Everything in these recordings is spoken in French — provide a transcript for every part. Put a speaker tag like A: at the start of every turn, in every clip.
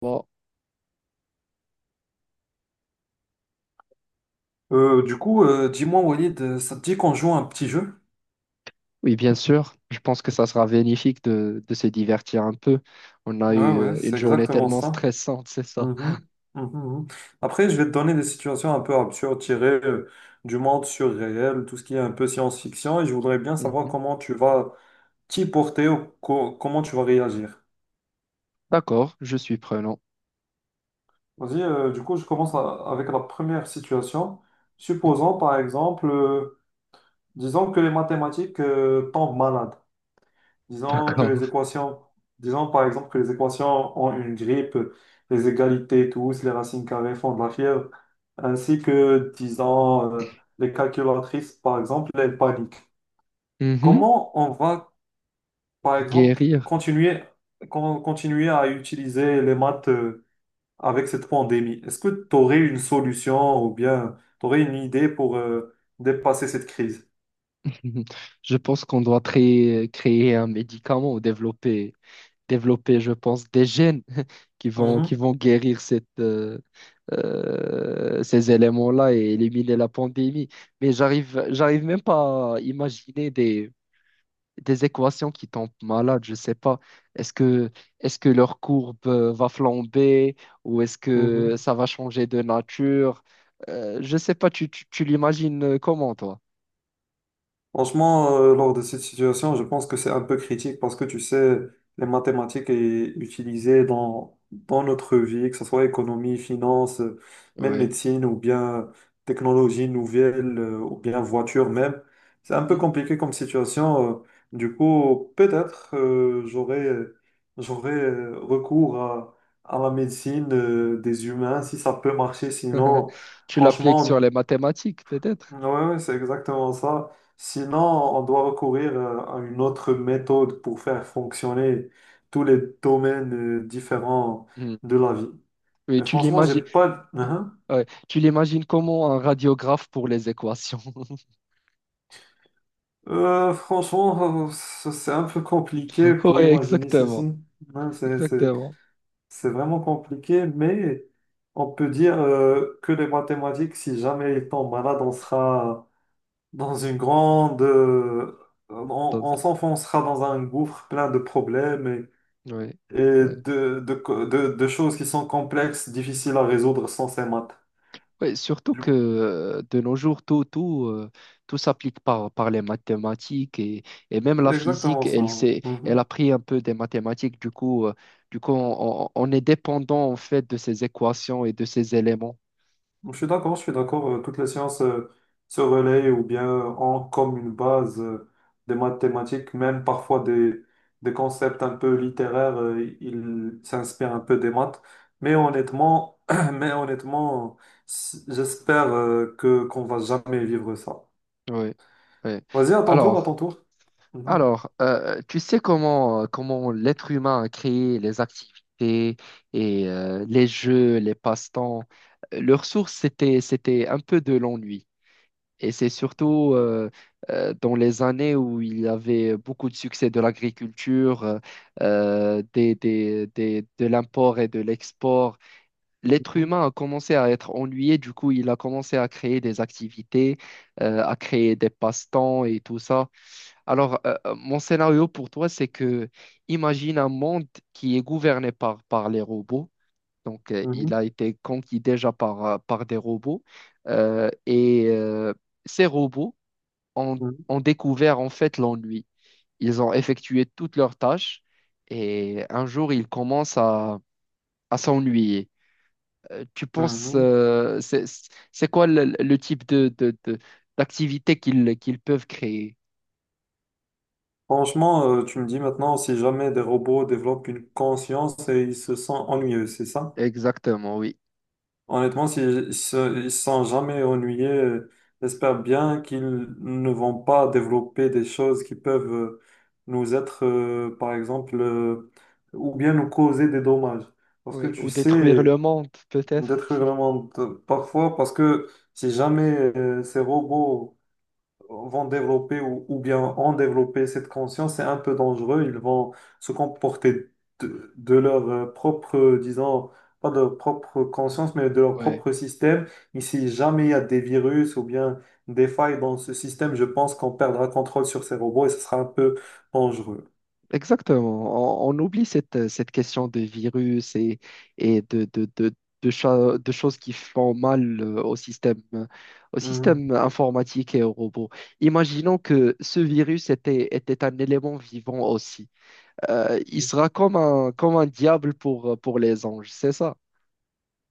A: Bon,
B: Du coup, dis-moi, Walid, ça te dit qu'on joue à un petit jeu?
A: oui, bien sûr. Je pense que ça sera bénéfique de se divertir un peu. On a
B: Ouais,
A: eu
B: ouais,
A: une
B: c'est
A: journée
B: exactement
A: tellement
B: ça.
A: stressante, c'est ça.
B: Mhm, mhm, mhm. Après, je vais te donner des situations un peu absurdes, tirées du monde surréel, tout ce qui est un peu science-fiction, et je voudrais bien savoir
A: Mhm.
B: comment tu vas t'y porter ou comment tu vas réagir.
A: D'accord, je suis prenant.
B: Vas-y, du coup, je commence avec la première situation. Supposons, par exemple, disons que les mathématiques tombent malades. Disons que
A: D'accord.
B: les équations, Disons par exemple que les équations ont une grippe, les égalités tous, les racines carrées font de la fièvre, ainsi que, disons, les calculatrices, par exemple, elles paniquent.
A: Mhm.
B: Comment on va, par exemple,
A: Guérir.
B: continuer, continuer à utiliser les maths avec cette pandémie? Est-ce que tu aurais une solution ou bien tu aurais une idée pour dépasser cette crise?
A: Je pense qu'on doit créer un médicament ou développer, développer, je pense, des gènes qui vont, qui
B: Mhm,
A: vont guérir cette, ces éléments-là et éliminer la pandémie. Mais j'arrive même pas à imaginer des équations qui tombent malades, je sais pas. Est-ce que, est-ce que leur courbe va flamber ou est-ce que
B: mhm.
A: ça va changer de nature? Je sais pas, tu l'imagines comment, toi?
B: Franchement, lors de cette situation, je pense que c'est un peu critique parce que tu sais, les mathématiques est utilisées dans notre vie, que ce soit économie, finance, même
A: Oui.
B: médecine ou bien technologie nouvelle ou bien voiture même. C'est un peu compliqué comme situation. Du coup, peut-être j'aurais recours à la médecine des humains si ça peut marcher. Sinon,
A: Tu l'appliques sur les
B: franchement.
A: mathématiques, peut-être?
B: Ouais, ouais, c'est exactement ça. Sinon, on doit recourir à une autre méthode pour faire fonctionner tous les domaines différents
A: Hmm.
B: de la vie.
A: Oui,
B: Mais
A: tu
B: franchement, j'ai
A: l'imagines,
B: pas. Hein.
A: ouais. Tu l'imagines comment un radiographe pour les équations?
B: Franchement, c'est un peu compliqué pour
A: Oui,
B: imaginer
A: exactement,
B: ceci. Hein, c'est, c'est-
A: exactement.
B: c'est vraiment compliqué, mais on peut dire que les mathématiques, si jamais ils tombent malade, on sera dans une grande, on s'enfoncera dans un gouffre plein de problèmes
A: Oui,
B: et
A: oui.
B: de choses qui sont complexes, difficiles à résoudre sans ces maths.
A: Ouais, surtout
B: Du
A: que
B: coup,
A: de nos jours, tout s'applique par les mathématiques et même la
B: c'est exactement
A: physique,
B: ça. Ouais.
A: elle
B: Mhm.
A: a pris un peu des mathématiques. Du coup, on est dépendant en fait de ces équations et de ces éléments.
B: Je suis d'accord, je suis d'accord. Toutes les sciences se relaient ou bien ont comme une base des mathématiques, même parfois des concepts un peu littéraires, ils s'inspirent un peu des maths. Mais honnêtement, mais honnêtement, j'espère que qu'on va jamais vivre ça.
A: Oui, oui.
B: Vas-y, à ton tour,
A: Alors,
B: à ton tour. Mhm.
A: alors tu sais comment, comment l'être humain a créé les activités et les jeux, les passe-temps. Leur source, c'était un peu de l'ennui. Et c'est surtout dans les années où il y avait beaucoup de succès de l'agriculture, des, de l'import et de l'export, l'être humain a commencé à être ennuyé, du coup il a commencé à créer des activités, à créer des passe-temps et tout ça. Alors mon scénario pour toi, c'est que imagine un monde qui est gouverné par les robots. Donc il
B: Mhm.
A: a été conquis déjà par, par des robots. Et ces robots ont,
B: Mhm.
A: ont découvert en fait l'ennui. Ils ont effectué toutes leurs tâches et un jour, ils commencent à s'ennuyer. Tu penses,
B: Mhm.
A: c'est quoi le type de, d'activité qu'ils peuvent créer?
B: Franchement, tu me dis maintenant, si jamais des robots développent une conscience et ils se sentent ennuyeux, c'est ça?
A: Exactement, oui.
B: Honnêtement, ils se sentent jamais ennuyés, j'espère bien qu'ils ne vont pas développer des choses qui peuvent nous être, par exemple, ou bien nous causer des dommages. Parce que
A: Oui,
B: tu
A: ou détruire
B: sais,
A: le monde, peut-être.
B: détruire le monde parfois, parce que si jamais ces robots vont développer ou bien ont développé cette conscience, c'est un peu dangereux. Ils vont se comporter de leur propre, disons, pas de leur propre conscience, mais de leur propre système. Et si jamais il y a des virus ou bien des failles dans ce système, je pense qu'on perdra contrôle sur ces robots et ce sera un peu dangereux.
A: Exactement. On oublie cette, cette question de virus et, et de, de, de, de choses qui font mal au
B: Mhm.
A: système informatique et aux robots. Imaginons que ce virus était un élément vivant aussi. Il sera comme un diable pour les anges, c'est ça?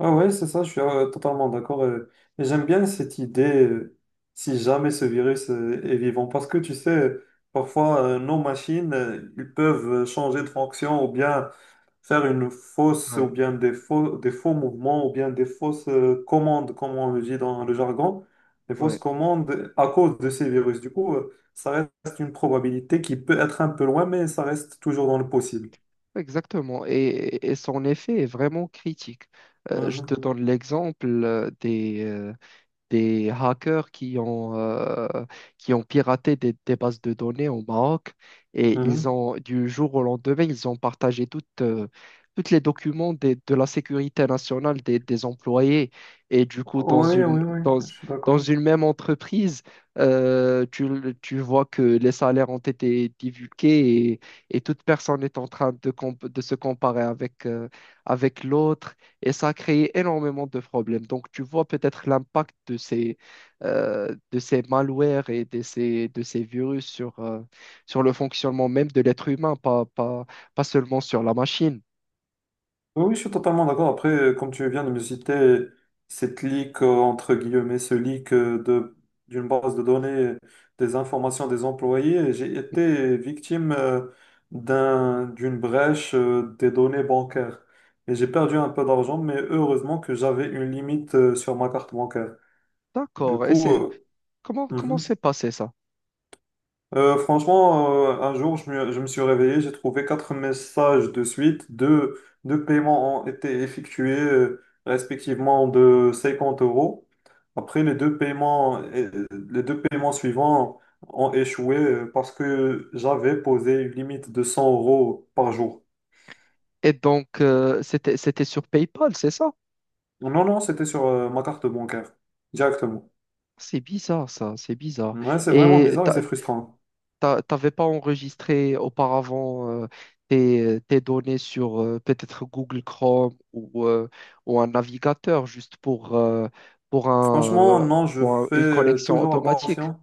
B: Ah ouais, c'est ça, je suis totalement d'accord. Et j'aime bien cette idée, si jamais ce virus est vivant, parce que tu sais, parfois nos machines, ils peuvent changer de fonction ou bien faire une fausse, ou
A: Ouais,
B: bien des faux mouvements, ou bien des fausses commandes, comme on le dit dans le jargon, des fausses
A: ouais,
B: commandes à cause de ces virus. Du coup, ça reste une probabilité qui peut être un peu loin, mais ça reste toujours dans le possible.
A: exactement. Et son effet est vraiment critique. Je te
B: Mhm,
A: donne l'exemple des hackers qui ont piraté des bases de données au Maroc et ils
B: mhm.
A: ont, du jour au lendemain, ils ont partagé toutes, toutes les documents de la sécurité nationale des employés. Et du coup, dans
B: Oui,
A: une,
B: oui, oui,
A: dans,
B: je suis
A: dans
B: d'accord.
A: une même entreprise, tu, tu vois que les salaires ont été divulgués et toute personne est en train de, de se comparer avec, avec l'autre et ça a créé énormément de problèmes. Donc, tu vois peut-être l'impact de ces malwares et de ces virus sur, sur le fonctionnement même de l'être humain, pas, pas, pas seulement sur la machine.
B: Oui, oui, je suis totalement d'accord. Après, comme tu viens de me citer cette leak, entre guillemets, ce leak d'une base de données des informations des employés, j'ai été victime d'une brèche des données bancaires. Et j'ai perdu un peu d'argent, mais heureusement que j'avais une limite sur ma carte bancaire. Du
A: D'accord. Et
B: coup,
A: c'est, comment, comment
B: mhm.
A: s'est passé ça?
B: Franchement, un jour, je me suis réveillé, j'ai trouvé quatre messages de suite. Deux paiements ont été effectués, respectivement de 50 euros. Après, les deux paiements suivants ont échoué parce que j'avais posé une limite de 100 € par jour.
A: Et donc, c'était sur PayPal, c'est ça?
B: Non, non, c'était sur ma carte bancaire, directement.
A: C'est bizarre, ça, c'est bizarre.
B: Ouais, c'est vraiment
A: Et
B: bizarre et c'est frustrant.
A: t'avais pas enregistré auparavant tes, tes données sur peut-être Google Chrome ou un navigateur juste pour, pour
B: Franchement,
A: un, euh,
B: non, je
A: pour
B: fais
A: une connexion
B: toujours
A: automatique.
B: attention.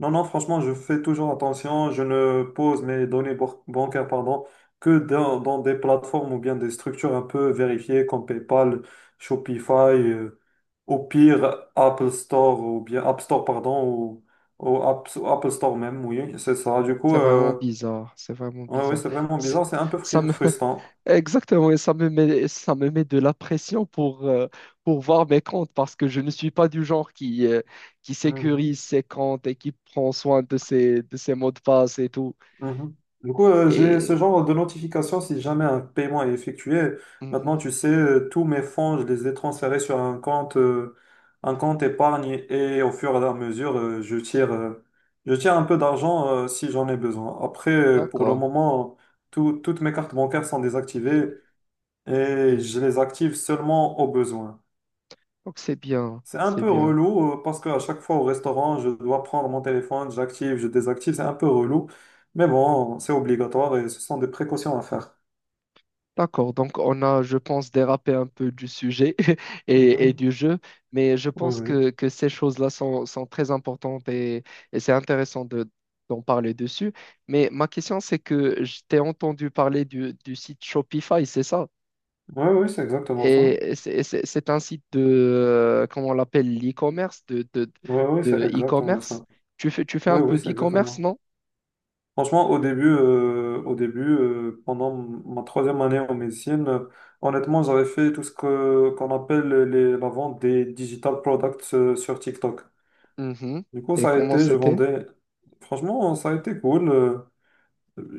B: Non, non, franchement, je fais toujours attention. Je ne pose mes données bancaires, pardon, que dans des plateformes ou bien des structures un peu vérifiées comme PayPal, Shopify, au pire Apple Store ou bien App Store, pardon, ou Apple Store même, oui, c'est ça. Du coup,
A: C'est vraiment bizarre, c'est vraiment
B: ouais, ouais,
A: bizarre.
B: c'est vraiment
A: Ça,
B: bizarre, c'est un peu
A: ça me,
B: frustrant.
A: exactement, et ça me met de la pression pour voir mes comptes parce que je ne suis pas du genre qui
B: Mhm.
A: sécurise ses comptes et qui prend soin de ses mots de passe et tout.
B: Mhm. Du coup, j'ai
A: Et,
B: ce genre de notification si jamais un paiement est effectué. Maintenant,
A: Mhm.
B: tu sais, tous mes fonds, je les ai transférés sur un compte épargne et au fur et à mesure, je tire un peu d'argent, si j'en ai besoin. Après, pour le
A: D'accord.
B: moment, toutes mes cartes bancaires sont désactivées et
A: Hmm.
B: je les active seulement au besoin.
A: Donc c'est bien,
B: C'est un
A: c'est
B: peu
A: bien.
B: relou parce qu'à chaque fois au restaurant, je dois prendre mon téléphone, j'active, je désactive, c'est un peu relou. Mais bon, c'est obligatoire et ce sont des précautions à faire.
A: D'accord, donc on a, je pense, dérapé un peu du sujet et
B: Mhm.
A: du jeu, mais je
B: Oui,
A: pense
B: oui.
A: que ces choses-là sont, sont très importantes et c'est intéressant de, d'en parler dessus. Mais ma question, c'est que je t'ai entendu parler du site Shopify, c'est ça?
B: Oui, oui, c'est exactement ça.
A: Et c'est un site de, comment on l'appelle, l'e-commerce,
B: Oui, oui, c'est
A: de
B: exactement
A: e-commerce.
B: ça.
A: Tu fais un
B: Oui, oui,
A: peu
B: c'est exactement
A: d'e-commerce,
B: ça.
A: non?
B: Franchement, au début, pendant ma troisième année en médecine, honnêtement, j'avais fait tout qu'on appelle la vente des digital products sur TikTok.
A: Mhm.
B: Du coup,
A: Et
B: ça a
A: comment
B: été, je
A: c'était?
B: vendais. Franchement, ça a été cool.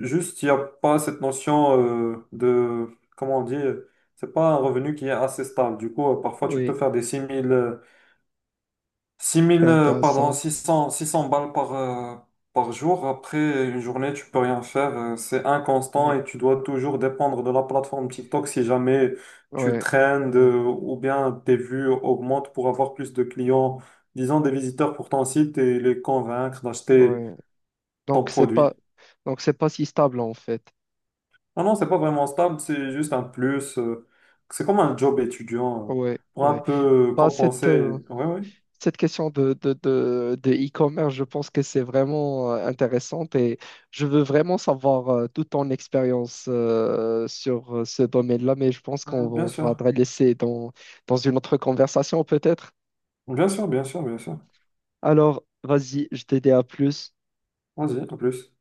B: Juste, il n'y a pas cette notion de, comment on dit, c'est pas un revenu qui est assez stable. Du coup, parfois, tu peux
A: Oui,
B: faire des 6 000 6
A: c'est
B: 000, pardon,
A: intéressant.
B: 6 600 balles par jour. Après une journée, tu peux rien faire. C'est inconstant
A: Ouais,
B: et tu dois toujours dépendre de la plateforme TikTok si jamais tu
A: ouais,
B: traînes
A: ouais.
B: ou bien tes vues augmentent pour avoir plus de clients, disons des visiteurs pour ton site et les convaincre d'acheter
A: Ouais.
B: ton
A: Donc c'est pas,
B: produit.
A: donc c'est pas si stable en fait.
B: Non, non, c'est pas vraiment stable, c'est juste un plus. C'est comme un job étudiant
A: Ouais,
B: pour un
A: ouais.
B: peu
A: Bah cette
B: compenser. Oui, oui,
A: cette question de e-commerce, je pense que c'est vraiment intéressante et je veux vraiment savoir toute ton expérience sur ce domaine-là, mais je pense qu'on
B: bien
A: on va
B: sûr.
A: te laisser dans dans une autre conversation peut-être.
B: Bien sûr, bien sûr, bien sûr.
A: Alors, vas-y, je t'ai dit à plus.
B: Vas-y, en plus.